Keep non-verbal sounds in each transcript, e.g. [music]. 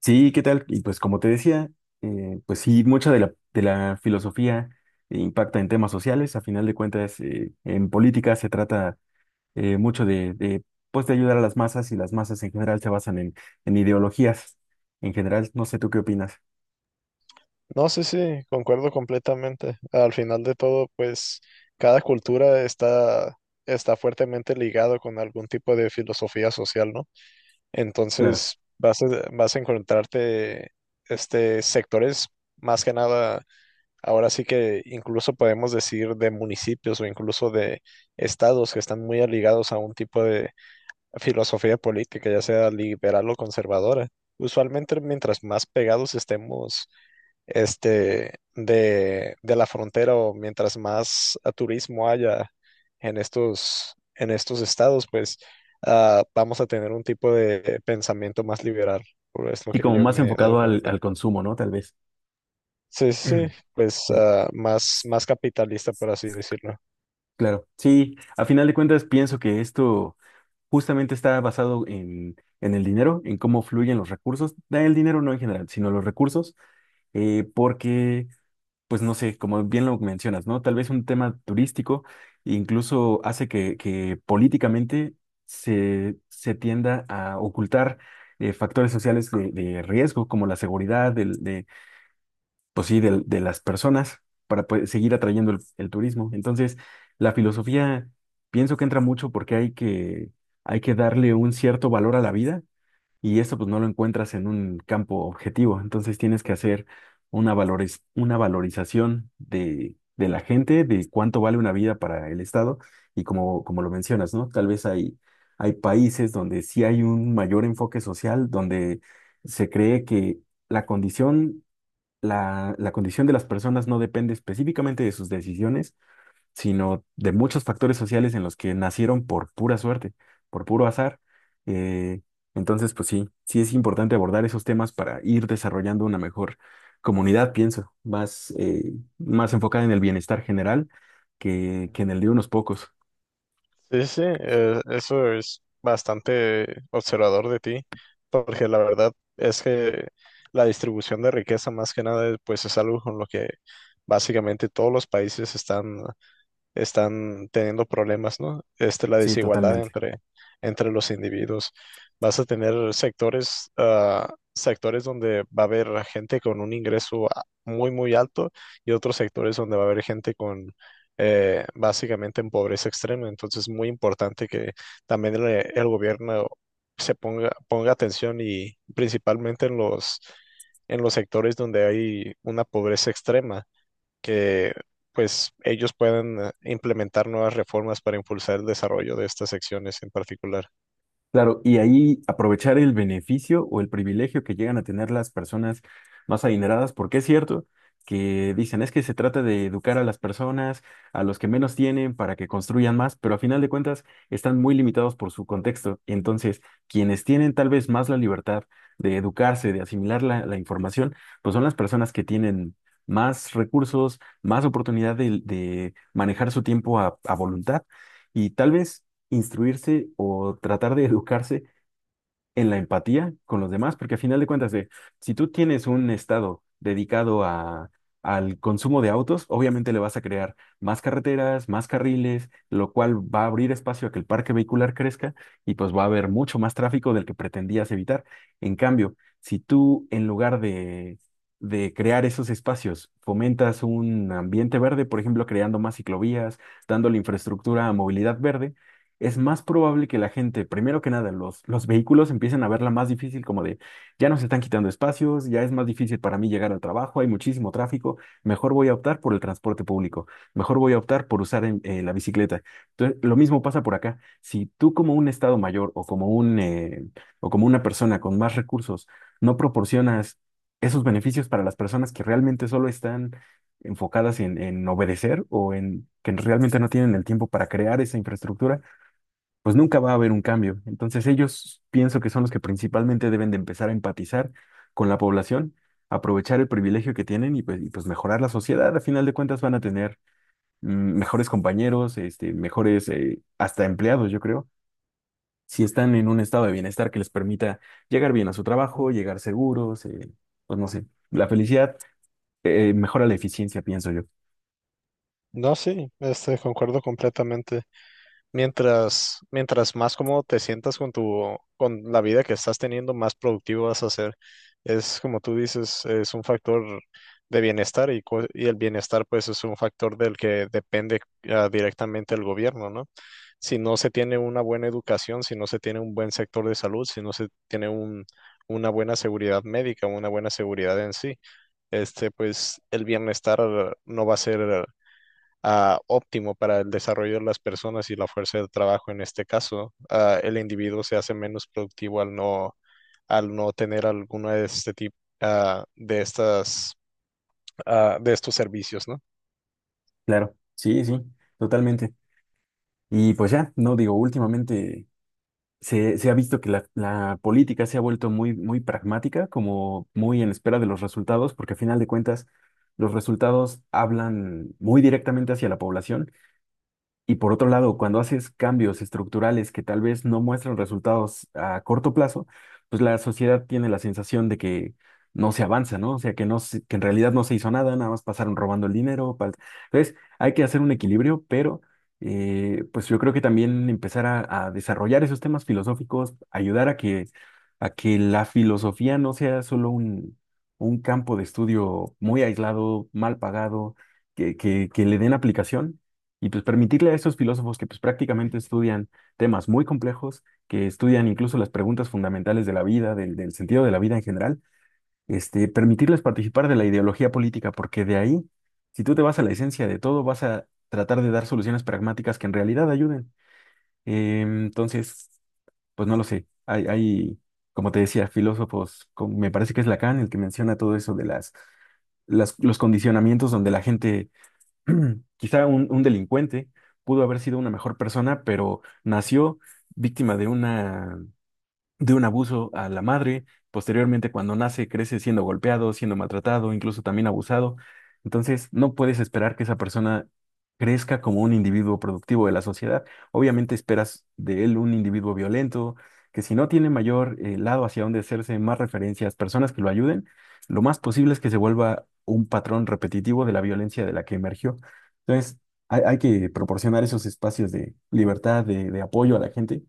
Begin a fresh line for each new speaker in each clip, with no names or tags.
Sí, ¿qué tal? Y pues como te decía, pues sí, mucha de la filosofía impacta en temas sociales. A final de cuentas, en política se trata eh, mucho de, de, pues de ayudar a las masas y las masas en general se basan en ideologías. En general, no sé tú qué opinas.
No, sí, sí, concuerdo completamente. Al final de todo, pues cada está fuertemente ligado con algún tipo de filosofía social, ¿no?
Claro.
Entonces vas a, vas a encontrarte sectores, más que nada, ahora sí que incluso podemos decir de municipios o incluso de estados que están muy ligados a un tipo de filosofía política, ya sea liberal o conservadora. Usualmente, mientras más pegados estemos de la frontera o mientras más turismo haya en en estos estados, pues vamos a tener un tipo de pensamiento más liberal, por es lo
Y
que
como
yo
más
me he dado
enfocado
cuenta.
al consumo, ¿no? Tal vez.
Sí, sí, sí,
[clears throat] Eh,
pues más, más capitalista, por así decirlo.
Claro. Sí, a final de cuentas pienso que esto justamente está basado en el dinero, en cómo fluyen los recursos. Da El dinero no en general, sino los recursos eh, porque, pues no sé, como bien lo mencionas, ¿no? Tal vez un tema turístico incluso hace que políticamente se tienda a ocultar factores sociales de riesgo, como la seguridad pues sí, las personas, para pues, seguir atrayendo el turismo. Entonces, la filosofía pienso que entra mucho porque hay que darle un cierto valor a la vida y eso pues no lo encuentras en un campo objetivo. Entonces tienes que hacer una valorización de la gente, de cuánto vale una vida para el Estado y como, como lo mencionas, ¿no? Tal vez hay países donde sí hay un mayor enfoque social, donde se cree que la condición, la condición de las personas no depende específicamente de sus decisiones, sino de muchos factores sociales en los que nacieron por pura suerte, por puro azar. Eh, entonces, pues sí, sí es importante abordar esos temas para ir desarrollando una mejor comunidad, pienso, más, más enfocada en el bienestar general que en el de unos pocos.
Sí, sí, eso es bastante observador de ti, porque la verdad es que la distribución de riqueza más que nada, pues es algo con lo que básicamente todos los países están teniendo problemas, ¿no? Este, la
Sí, totalmente.
entre los individuos. Vas a tener sectores, sectores donde va a haber gente con un muy, muy alto y otros sectores donde va a haber gente con básicamente en pobreza extrema. Entonces es muy importante que también el gobierno ponga atención y principalmente en en los sectores donde hay una pobreza extrema que pues ellos puedan implementar nuevas reformas para impulsar el desarrollo de estas secciones en particular.
Claro, y ahí aprovechar el beneficio o el privilegio que llegan a tener las personas más adineradas, porque es cierto que dicen es que se trata de educar a las personas, a los que menos tienen, para que construyan más, pero a final de cuentas están muy limitados por su contexto. Entonces, quienes tienen tal vez más la libertad de educarse, de asimilar la información, pues son las personas que tienen más recursos, más oportunidad de manejar su tiempo a voluntad. Y tal vez instruirse o tratar de educarse en la empatía con los demás, porque a final de cuentas, de, si tú tienes un estado dedicado al consumo de autos, obviamente le vas a crear más carreteras, más carriles, lo cual va a abrir espacio a que el parque vehicular crezca y pues va a haber mucho más tráfico del que pretendías evitar. En cambio, si tú en lugar de crear esos espacios, fomentas un ambiente verde, por ejemplo, creando más ciclovías, dando la infraestructura a movilidad verde, es más probable que la gente, primero que nada, los vehículos empiecen a verla más difícil, como de, ya nos están quitando espacios, ya es más difícil para mí llegar al trabajo, hay muchísimo tráfico, mejor voy a optar por el transporte público, mejor voy a optar por usar la bicicleta. Entonces, lo mismo pasa por acá. Si tú como un estado mayor o como o como una persona con más recursos no proporcionas esos beneficios para las personas que realmente solo están enfocadas en obedecer o en que realmente no tienen el tiempo para crear esa infraestructura, pues nunca va a haber un cambio. Entonces ellos pienso que son los que principalmente deben de empezar a empatizar con la población, aprovechar el privilegio que tienen y, pues, mejorar la sociedad. A final de cuentas van a tener mm, mejores compañeros, este, mejores hasta empleados, yo creo, si están en un estado de bienestar que les permita llegar bien a su trabajo, llegar seguros, pues no sé, la felicidad mejora la eficiencia, pienso yo.
No, sí, este, concuerdo completamente. Mientras más cómodo te sientas con con la vida que estás teniendo, más productivo vas a ser. Es como tú dices, es un factor de bienestar y el bienestar pues es un factor del que depende directamente el gobierno, ¿no? Si no se tiene una buena educación, si no se tiene un buen sector de salud, si no se tiene una buena seguridad médica, una buena seguridad en sí, este pues el bienestar no va a ser óptimo para el desarrollo de las personas y la fuerza de trabajo en este caso. El individuo se hace menos productivo al no tener alguno de este tipo de estas de estos servicios, ¿no?
Claro, sí, sí, totalmente. Y pues ya, no digo, últimamente se ha visto que la política se ha vuelto muy, muy pragmática, como muy en espera de los resultados, porque a final de cuentas los resultados hablan muy directamente hacia la población y por otro lado, cuando haces cambios estructurales que tal vez no muestran resultados a corto plazo, pues la sociedad tiene la sensación de que no se avanza, ¿no? O sea, que en realidad no se hizo nada, nada más pasaron robando el dinero. Entonces, hay que hacer un equilibrio, pero pues yo creo que también empezar a desarrollar esos temas filosóficos, ayudar a a que la filosofía no sea solo un campo de estudio muy aislado, mal pagado, que le den aplicación y pues permitirle a estos filósofos que pues prácticamente estudian temas muy complejos, que estudian incluso las preguntas fundamentales de la vida, del sentido de la vida en general, este, permitirles participar de la ideología política, porque de ahí, si tú te vas a la esencia de todo, vas a tratar de dar soluciones pragmáticas que en realidad ayuden. Entonces, pues no lo sé, hay, como te decía, filósofos, como me parece que es Lacan el que menciona todo eso de los condicionamientos donde la gente [clears throat] Quizá un delincuente pudo haber sido una mejor persona, pero nació víctima de una de un abuso a la madre. Posteriormente, cuando nace, crece siendo golpeado, siendo maltratado, incluso también abusado. Entonces, no puedes esperar que esa persona crezca como un individuo productivo de la sociedad. Obviamente esperas de él un individuo violento, que si no tiene mayor lado hacia donde hacerse, más referencias, personas que lo ayuden, lo más posible es que se vuelva un patrón repetitivo de la violencia de la que emergió. Entonces, hay que proporcionar esos espacios de libertad, de apoyo a la gente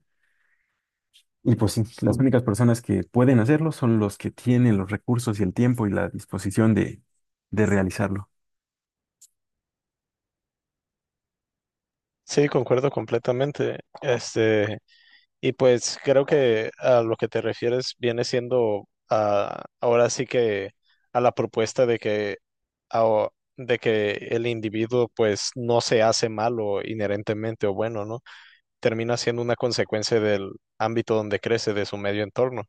y pues sí, las únicas personas que pueden hacerlo son los que tienen los recursos y el tiempo y la disposición de realizarlo.
Sí, concuerdo completamente. Este, y pues creo que a lo que te refieres viene siendo ahora sí que a la propuesta de que ao- de que el individuo pues no se hace malo inherentemente o bueno, ¿no? Termina siendo una consecuencia del ámbito donde crece, de su medio entorno.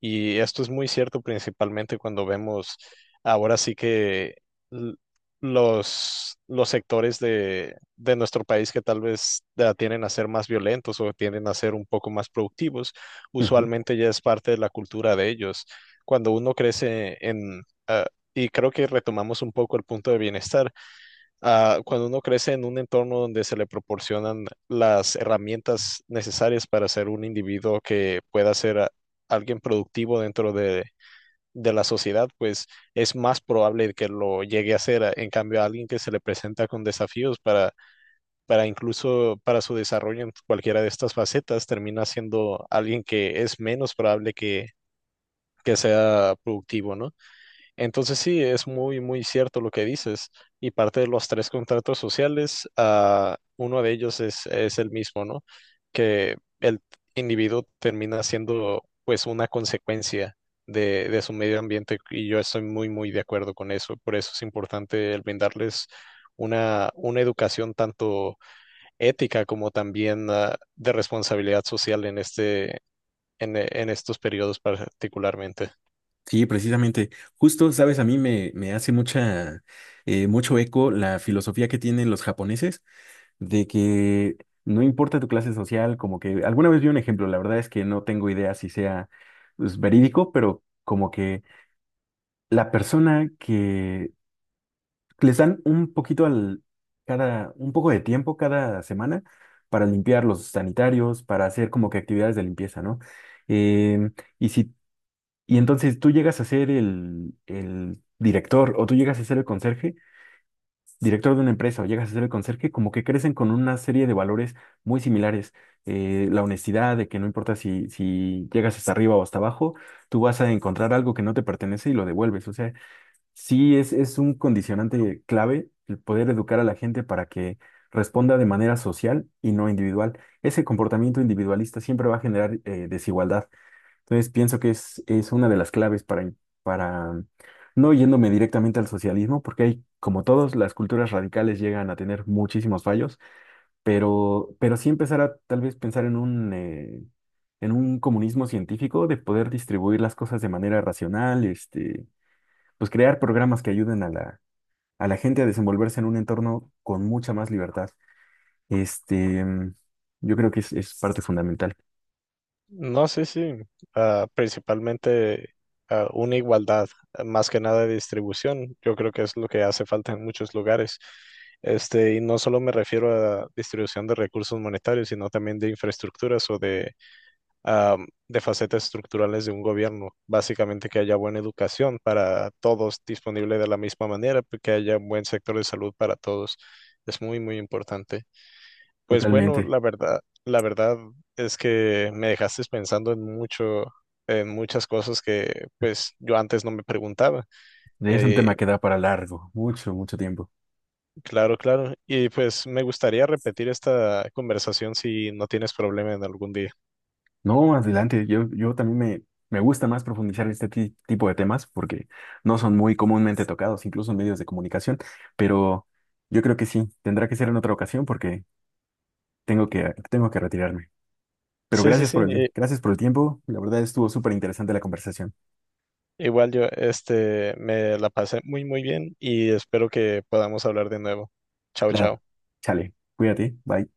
Y esto es muy cierto principalmente cuando vemos ahora sí que l- los sectores de nuestro país que tal vez tienden a ser más violentos o tienden a ser un poco más productivos,
Ujú.
usualmente ya es parte de la cultura de ellos. Cuando uno crece en... y creo que retomamos un poco el punto de bienestar, cuando uno crece en un entorno donde se le proporcionan las herramientas necesarias para ser un individuo que pueda alguien productivo dentro de la sociedad, pues es más probable que lo llegue a ser. En cambio, a alguien que se le presenta con desafíos para incluso para su desarrollo en cualquiera de estas facetas, termina siendo alguien que es menos probable que sea productivo, ¿no? Entonces sí, es muy, muy cierto lo que dices. Y parte de los tres contratos sociales, ah, uno de ellos es el mismo, ¿no? Que el individuo termina siendo pues una consecuencia de su medio ambiente y yo estoy muy, muy de acuerdo con eso. Por eso es importante el brindarles una educación tanto ética como también de responsabilidad social en en estos periodos particularmente.
Sí, precisamente. Justo, sabes, me hace mucha, mucho eco la filosofía que tienen los japoneses de que no importa tu clase social, como que alguna vez vi un ejemplo, la verdad es que no tengo idea si sea pues, verídico, pero como que la persona que les dan un poquito al, cada, un poco de tiempo cada semana para limpiar los sanitarios, para hacer como que actividades de limpieza, ¿no? Em, y si, y entonces tú llegas a ser el director o tú llegas a ser el conserje, director de una empresa o llegas a ser el conserje, como que crecen con una serie de valores muy similares. La honestidad, de que no importa si, si llegas hasta arriba o hasta abajo, tú vas a encontrar algo que no te pertenece y lo devuelves. O sea, sí, es un condicionante clave el poder educar a la gente para que responda de manera social y no individual. Ese comportamiento individualista siempre va a generar desigualdad. Entonces, pienso que es una de las claves para, para, mm, no yéndome directamente al socialismo, porque hay, como todos, las culturas radicales llegan a tener muchísimos fallos, pero sí empezar a tal vez pensar en en un comunismo científico de poder distribuir las cosas de manera racional, este pues crear programas que ayuden a a la gente a desenvolverse en un entorno con mucha más libertad. Este, mm, yo creo que es parte fundamental,
No, sí, sí. Ah, principalmente ah, una igualdad, ah, más que nada de distribución. Yo creo que es lo que hace falta en muchos lugares. Este, y no solo me refiero a distribución de recursos monetarios, sino también de infraestructuras ah, de facetas estructurales de un gobierno. Básicamente que haya buena educación para todos disponible de la misma manera, que haya un buen sector de salud para todos. Es muy, muy importante. Pues bueno,
totalmente.
la verdad es que me dejaste pensando en mucho, en muchas cosas que pues yo antes no me preguntaba.
Es un
Eh,
tema que da para largo, mucho, mucho tiempo.
claro, claro. Y pues me gustaría repetir esta conversación si no tienes problema en algún día.
No, más adelante, yo también me gusta más profundizar en este tipo de temas porque no son muy comúnmente tocados, incluso en medios de comunicación, pero yo creo que sí, tendrá que ser en otra ocasión porque tengo que retirarme. Pero
Sí, sí, sí.
gracias por el tiempo, la verdad estuvo súper interesante la conversación.
Igual yo, este, me la pasé muy, muy bien y espero que podamos hablar de nuevo. Chao,
Claro.
chao.
Chale, cuídate, bye.